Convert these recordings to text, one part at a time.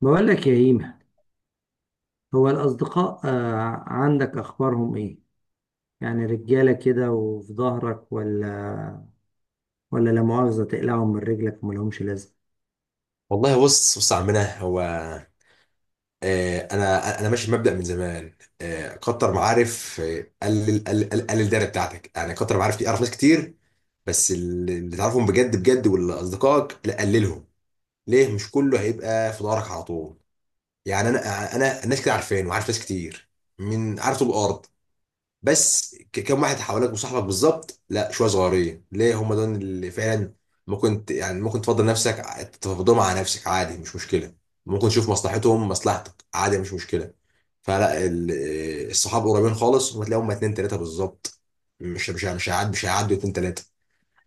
بقول لك يا إيمة، هو الأصدقاء عندك أخبارهم إيه؟ يعني رجالة كده وفي ظهرك، ولا لا مؤاخذة تقلعهم من رجلك وملهمش لازمة. والله، بص يا عمنا، هو انا ماشي بمبدأ من زمان. كتر معارف. قلل قلل قلل قلل الدايره بتاعتك، يعني كتر معارف دي اعرف ناس كتير. بس اللي تعرفهم بجد بجد، واللي اصدقائك لا قللهم. ليه؟ مش كله هيبقى في دارك على طول. يعني انا الناس كده عارفين، وعارف ناس كتير من عارف طول الارض. بس كم واحد حواليك وصاحبك بالظبط؟ لا، شويه صغيرين، ليه هم دول اللي فعلا ممكن يعني ممكن تفضل نفسك، تفضلهم على نفسك، عادي مش مشكله. ممكن تشوف مصلحتهم مصلحتك، عادي مش مشكله. فلا الصحاب قريبين خالص، وتلاقيهم هم تلاقيهم اتنين تلاته بالظبط. مش هيعدوا اتنين تلاته.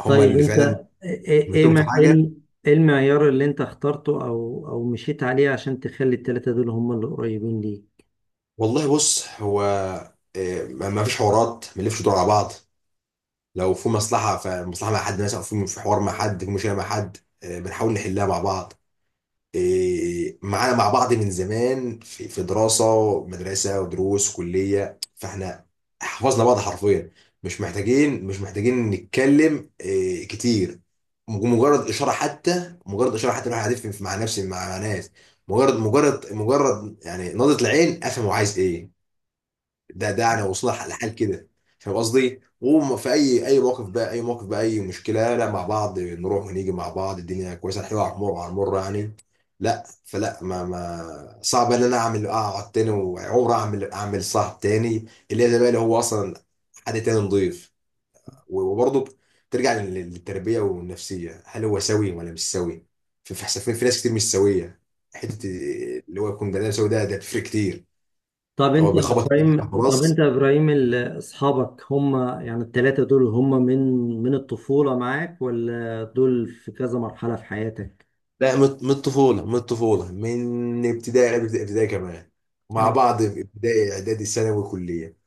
هم طيب، اللي أنت فعلا إيه إيه إيه عملتهم في ما- إيه حاجه. ال- إيه المعيار اللي أنت اخترته أو مشيت عليه عشان تخلي التلاتة دول هم اللي قريبين ليك؟ والله بص هو، ما فيش حوارات، ما نلفش دور على بعض. لو في مصلحه، فمصلحه مع حد مثلا، او في حوار مع حد، في مشكله مع حد، بنحاول نحلها مع بعض. معانا مع بعض من زمان، في دراسه، مدرسه ودروس كليه، فاحنا حفظنا بعض حرفيا. مش محتاجين نتكلم كتير. مجرد اشاره حتى، مجرد اشاره حتى الواحد هيفهم مع نفسه، مع ناس. مجرد يعني نظره العين، افهم هو عايز ايه. ده انا واصلها لحال كده. فاهم قصدي؟ وفي اي اي موقف بقى اي موقف بقى، اي مشكله، لا، مع بعض نروح ونيجي مع بعض، الدنيا كويسه، الحلوه على المر على المر يعني. لا فلا، ما صعب ان انا اقعد تاني، وعمر اعمل صاحب تاني اللي هي زي بقى، اللي هو اصلا حد تاني نضيف. وبرضه ترجع للتربيه والنفسيه، هل هو سوي ولا مش سوي؟ في حسافين، في ناس كتير مش سويه. حته اللي هو يكون بني آدم سوي، ده بيفرق كتير. طب هو أنت يا بيخبط في إبراهيم حاجة طب أنت خلاص. يا إبراهيم، أصحابك هم، يعني التلاتة دول، هم من الطفولة معاك، ولا دول في كذا مرحلة في حياتك؟ لا، من الطفولة، من الطفولة، من ابتدائي، ابتدائي كمان، مع بعض في ابتدائي، اعدادي، ثانوي، كلية.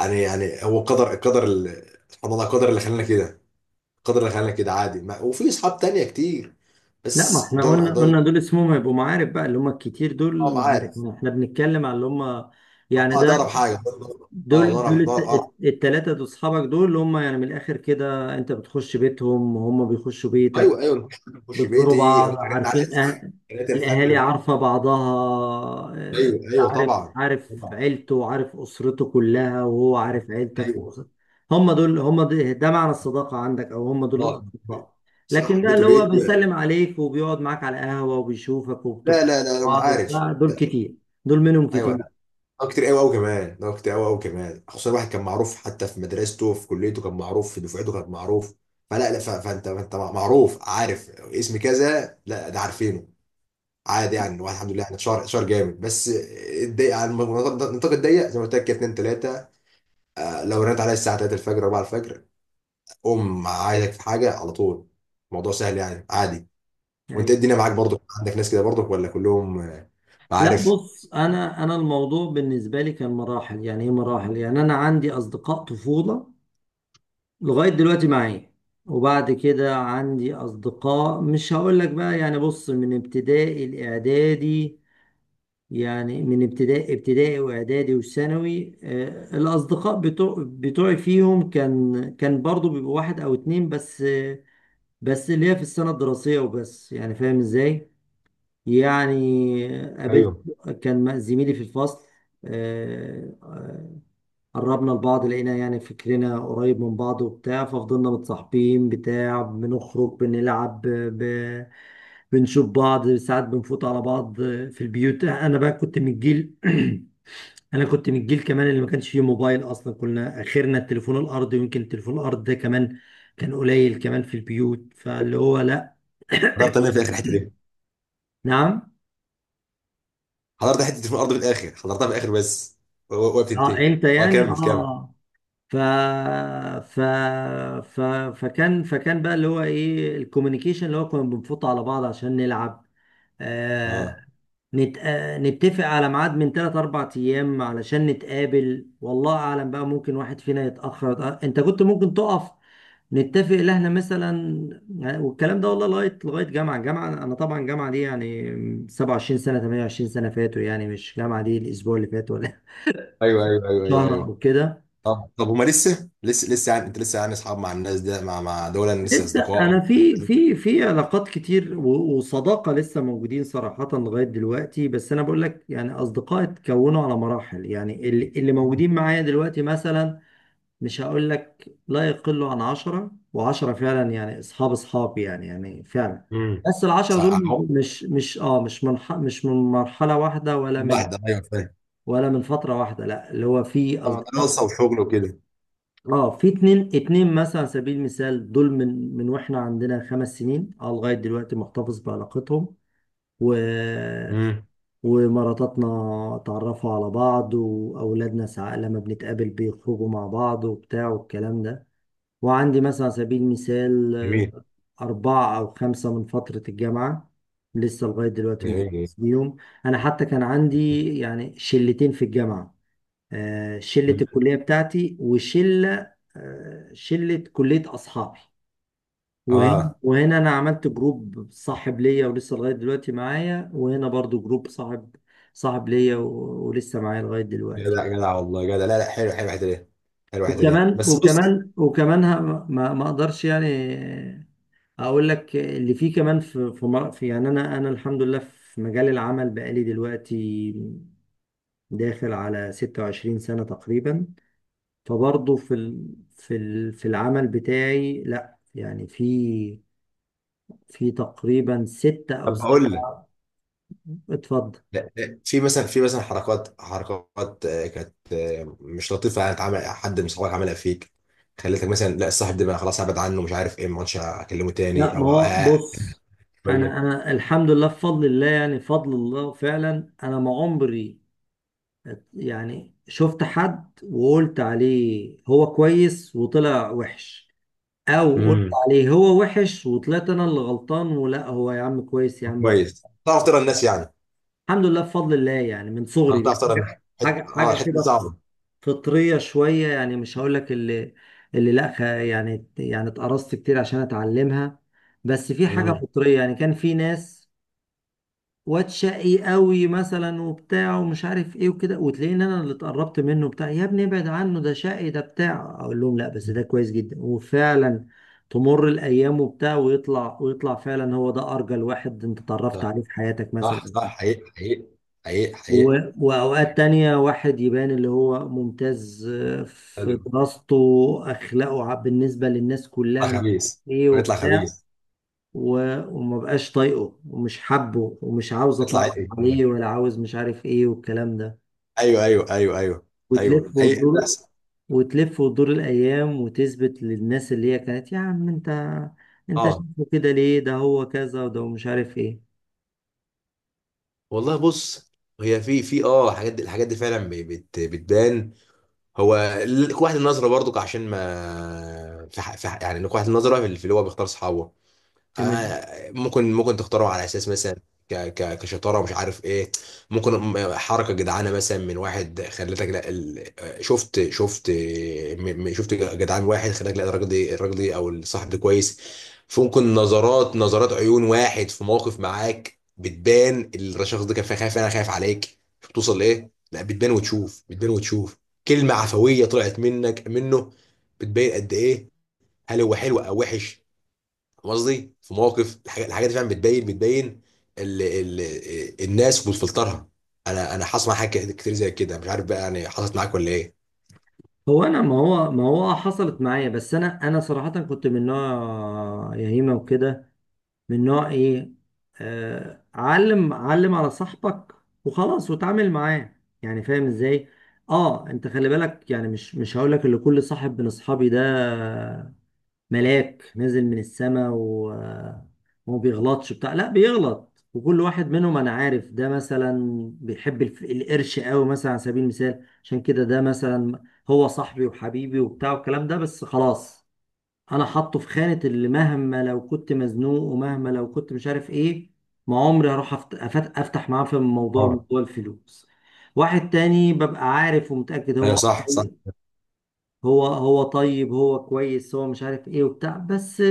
يعني هو سبحان الله، قدر اللي خلانا كده، قدر اللي خلانا كده، عادي. ما وفي اصحاب تانية كتير، لا، ما بس احنا دول قلنا دول. قلنا دول اسمهم هيبقوا معارف بقى، اللي هم الكتير اه، دول. عارف. معارف. احنا بنتكلم على اللي هم، يعني اه، ده اقرب ده، حاجة، ده اقرب، ده اقرب. التلاتة دول، اصحابك، دول اللي هم يعني من الاخر كده انت بتخش بيتهم وهم بيخشوا بيتك، ايوه، ايوه، ممكن حد يخش بتزوروا بيتي، بعض، ممكن ارن عليه عارفين. الساعة أه... 3 الأهالي الفجر. عارفة بعضها، ايوه، ايوه، عارف طبعا، عارف طبعا، عيلته وعارف أسرته كلها، وهو عارف عيلتك ايوه. وأسرتك. هم دول، ده معنى الصداقة عندك، أو هم دول اه الأصدقاء؟ لكن صح، ده بيته اللي هو بيتي، لا. بيسلم عليك وبيقعد معاك على القهوة وبيشوفك وبتخرجوا لا، لا، مع انا بعض عارف. وبتاع، دول كتير، دول منهم ايوه. كتير، اه، كتير قوي قوي كمان، خصوصا الواحد كان معروف، حتى في مدرسته، في كليته كان معروف، في دفعته كان معروف. فلا لا، فانت معروف، عارف اسم كذا، لا ده عارفينه، عادي يعني. الواحد الحمد لله، احنا شهر شهر جامد بس، الضيق على النطاق الضيق زي ما قلت لك كده، 2 3. لو رنت عليا الساعه 3 الفجر، 4 الفجر، قوم عايزك في حاجه على طول، الموضوع سهل يعني، عادي. وانت إيه يعني. الدنيا معاك برضك، عندك ناس كده برضك ولا كلهم لا، عارف؟ بص، أنا الموضوع بالنسبة لي كان مراحل، يعني إيه مراحل، يعني أنا عندي أصدقاء طفولة لغاية دلوقتي معايا، وبعد كده عندي أصدقاء، مش هقول لك بقى، يعني بص، من ابتدائي الإعدادي، يعني من ابتدائي وإعدادي وثانوي. الأصدقاء بتوعي فيهم، كان برضو بيبقوا واحد أو اتنين بس، بس اللي هي في السنة الدراسية وبس، يعني فاهم إزاي؟ يعني قابلت، ايوه. كان زميلي في الفصل، آه، قربنا لبعض، لقينا يعني فكرنا قريب من بعض وبتاع، ففضلنا متصاحبين بتاع، بنخرج بنلعب، بنشوف بعض ساعات، بنفوت على بعض في البيوت. انا بقى كنت من الجيل انا كنت من الجيل كمان اللي ما كانش فيه موبايل اصلا، كنا اخرنا التليفون الارضي، ويمكن التليفون الارضي ده كمان كان قليل كمان في البيوت، فاللي هو لا. انا بتعمل في اخر الحته، نعم. حضرت حته في الارض في الاخر، حضرتها في الاخر بس وقت اه تنتهي. انت اه، يعني. كمل كمل. اه ف... ف... ف... فكان فكان بقى اللي هو ايه الكوميونيكيشن، اللي هو كنا بنفوت على بعض عشان نلعب. آه... اه، نتفق على ميعاد من ثلاث اربع ايام علشان نتقابل، والله اعلم بقى، ممكن واحد فينا يتأخر، انت كنت ممكن تقف، نتفق ان احنا مثلا. والكلام ده، والله، لغايه جامعه، انا طبعا جامعه دي يعني 27 سنه، 28 سنه فاتوا، يعني مش جامعه دي الاسبوع اللي فات، ولا ايوه، ايوه، ايوه، ايوه، شهر ايوه. او كده. اه طب، هما لسه يعني، انت لسه يعني اصحاب مع الناس ده، مع دول لسه لسه اصدقاء؟ انا في علاقات كتير، وصداقه لسه موجودين صراحه لغايه دلوقتي، بس انا بقول لك يعني اصدقاء اتكونوا على مراحل، يعني اللي موجودين معايا دلوقتي مثلا، مش هقول لك، لا يقلوا عن 10 و10 فعلا يعني اصحابي، يعني فعلا. امم. بس العشرة صح، دول، مش مش اه مش من ح- مش من مرحله واحده ولا من، واحده، ايوه فاهم. ولا من فتره واحده، لا، اللي هو في اه، اصدقاء، دراسه وشغل وكده. اه في اتنين، اتنين مثلا على سبيل المثال دول، من واحنا عندنا 5 سنين، لغايه دلوقتي محتفظ بعلاقتهم، و امم. ومراتاتنا اتعرفوا على بعض، واولادنا ساعات لما بنتقابل بيخرجوا مع بعض وبتاع والكلام ده. وعندي مثلا على سبيل المثال، جميل، اربعه او خمسه من فتره الجامعه لسه لغايه دلوقتي جميل، محتفظ بيهم. انا حتى كان عندي يعني شلتين في الجامعه، شلة جميل. الكلية بتاعتي، وشلة آه، شلة كلية أصحابي، وهنا اه، وهنا أنا عملت جروب صاحب ليا، ولسه لغاية دلوقتي معايا، وهنا برضو جروب صاحب ليا، ولسه معايا لغاية دلوقتي. جدع جدع والله جدع، لا لا، حلو، حلو الحته دي، حلو الحته دي، وكمان بس بص. وكمان وكمان ه- ما ما أقدرش، يعني، أقول لك اللي فيه كمان، يعني أنا الحمد لله في مجال العمل بقالي دلوقتي داخل على 26 سنة تقريبا، فبرضه في العمل بتاعي، لا، يعني في تقريبا ستة أو طب هقول لك. سبعة. اتفضل. لا، لا، في مثلا حركات حركات كانت مش لطيفه يعني، اتعمل حد من صحابك عملها فيك، خليتك مثلا، لا الصاحب ده بقى خلاص ابعد عنه، مش عارف ايه، ما عادش اكلمه لا، تاني، ما او هو بص، أنا شويه. أنا الحمد لله بفضل الله، يعني فضل الله فعلا، أنا ما عمري يعني شفت حد وقلت عليه هو كويس وطلع وحش، أو قلت امم. عليه هو وحش وطلعت أنا اللي غلطان، ولا هو يا عم كويس يا عم. كويس تعرف ترى الناس يعني. الحمد لله بفضل الله، يعني من صغري دي تعرف حاجة ترى الناس. حت... حاجة اه حاجة الحته دي كده، صعبه. فطرية شوية، يعني مش هقولك اللي لا. يعني اتقرصت كتير عشان اتعلمها، بس في حاجة امم. فطرية، يعني كان في ناس، واد شقي قوي مثلا وبتاع ومش عارف ايه وكده، وتلاقيني انا اللي اتقربت منه بتاع، يا ابني ابعد عنه ده شقي ده بتاع، اقول لهم لا بس ده كويس جدا، وفعلا تمر الايام وبتاع ويطلع، ويطلع فعلا هو ده ارجل واحد انت اتعرفت صح، عليه في حياتك صح، مثلا. صح، حقيقي، حقيقي، حقيقي، حقيقي. وأوقات تانية واحد يبان اللي هو ممتاز في حلو. دراسته، أخلاقه بالنسبة للناس يطلع كلها مش خبيث، عارف إيه ويطلع وبتاع، خبيث، وما بقاش طايقه ومش حابه ومش عاوز يطلع. أتعرف عليه ولا عاوز مش عارف إيه والكلام ده، ايوه، ايوه، ايوه، ايوه، ايوه، ايوه وتلف حقيقي وتدور، بس. وتلف وتدور الأيام، وتثبت للناس اللي هي كانت يا عم أنت اه شايفه كده ليه، ده هو كذا وده مش عارف إيه. والله بص، هي في الحاجات دي فعلا ب- بت بتبان. هو قوة النظرة برضك، عشان ما يعني قوة النظرة في اللي هو بيختار صحابه. تمام. ممكن تختاره على اساس مثلا ك ك كشطاره، مش عارف ايه. ممكن حركه جدعانه مثلا من واحد خلتك، لا ال... آه، شفت. شفت جدعان واحد خلاك، لا الراجل ده، الراجل ده او الصاحب ده كويس. فممكن نظرات نظرات عيون واحد في موقف معاك بتبان، الشخص ده كان خايف، انا خايف عليك شوف توصل لايه، لا بتبان وتشوف، بتبان وتشوف. كلمه عفويه طلعت منك منه، بتبين قد ايه، هل هو حلو او وحش. فاهم قصدي؟ في مواقف، الحاجات دي فعلا بتبين، بتبين ال ال الناس وبتفلترها. انا حصل معايا حاجات كتير كتير زي كده، مش عارف بقى يعني، حصلت معاك ولا ايه؟ هو انا، ما هو حصلت معايا، بس انا صراحة كنت من نوع يهيمة وكده، من نوع ايه، علم علم على صاحبك وخلاص وتعامل معاه، يعني فاهم ازاي. اه انت خلي بالك، يعني مش هقول لك اللي كل صاحب من اصحابي ده ملاك نزل من السماء، وما بيغلطش بتاع، لا بيغلط، وكل واحد منهم انا عارف. ده مثلا بيحب القرش قوي مثلا على سبيل المثال، عشان كده ده مثلا هو صاحبي وحبيبي وبتاع والكلام ده، بس خلاص، انا حاطه في خانة اللي مهما لو كنت مزنوق ومهما لو كنت مش عارف ايه، ما عمري هروح افتح معاه في موضوع اه موضوع الفلوس. واحد تاني ببقى عارف ومتأكد ايوه، هو صح، صح، أقوى، هو طيب، هو كويس، هو مش عارف ايه وبتاع، بس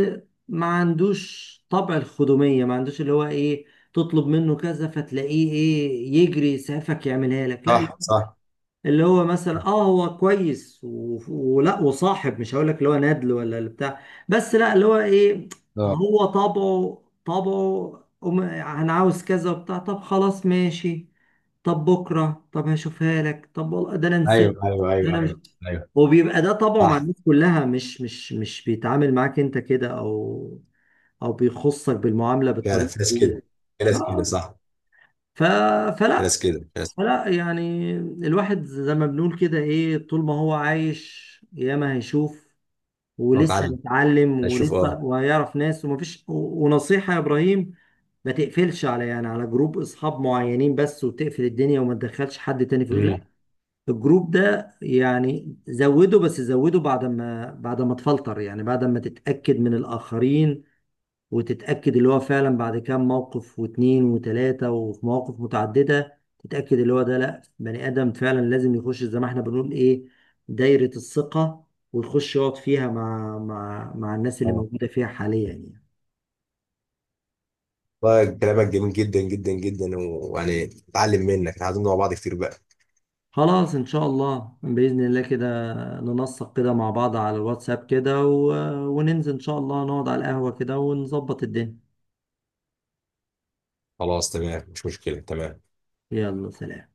ما عندوش طبع الخدومية، ما عندوش اللي هو ايه تطلب منه كذا فتلاقيه ايه يجري يسعفك يعملها لك، لا صح، صح. اللي هو مثلا، هو كويس، ولا وصاحب، مش هقول لك اللي هو نادل ولا اللي بتاع، بس لا، اللي هو ايه، اه، هو طبعه، أم- انا عاوز كذا وبتاع، طب خلاص ماشي، طب بكره، طب هشوفها لك، طب والله ده انا نسيت، ايوه، ايوه، ده ايوه، انا مش، ايوه، ايوه وبيبقى ده طبعه مع صح. الناس كلها، مش بيتعامل معاك انت كده او بيخصك بالمعامله فعلا بالطريقه في ناس دي. كده، في ناس كده، آه، صح. ف... في فلا ناس كده، في ناس. لا يعني الواحد زي ما بنقول كده، ايه، طول ما هو عايش ياما هيشوف، بالظبط ولسه اتعلم، هيتعلم، اشوف، ولسه اه. وهيعرف ناس ومفيش، ونصيحة يا ابراهيم، ما تقفلش على يعني على جروب اصحاب معينين بس وتقفل الدنيا وما تدخلش حد تاني فيه. لا، امم. الجروب ده يعني زوده بس، زوده بعد ما تفلتر، يعني بعد ما تتأكد من الآخرين، وتتأكد اللي هو فعلا بعد كام موقف، واتنين، وتلاتة، وفي مواقف متعددة تتأكد اللي هو ده، لأ، بني آدم فعلا لازم يخش زي ما احنا بنقول إيه، دايرة الثقة، ويخش يقعد فيها مع الناس اللي اه، موجودة فيها حاليا، يعني. والله كلامك جميل جدا جدا جدا، ويعني اتعلمنا مع بعض كتير بقى. خلاص، إن شاء الله، بإذن الله كده ننسق كده مع بعض على الواتساب كده، وننزل إن شاء الله نقعد على القهوة كده ونظبط الدنيا. خلاص، تمام مش مشكلة، تمام. يلا سلام.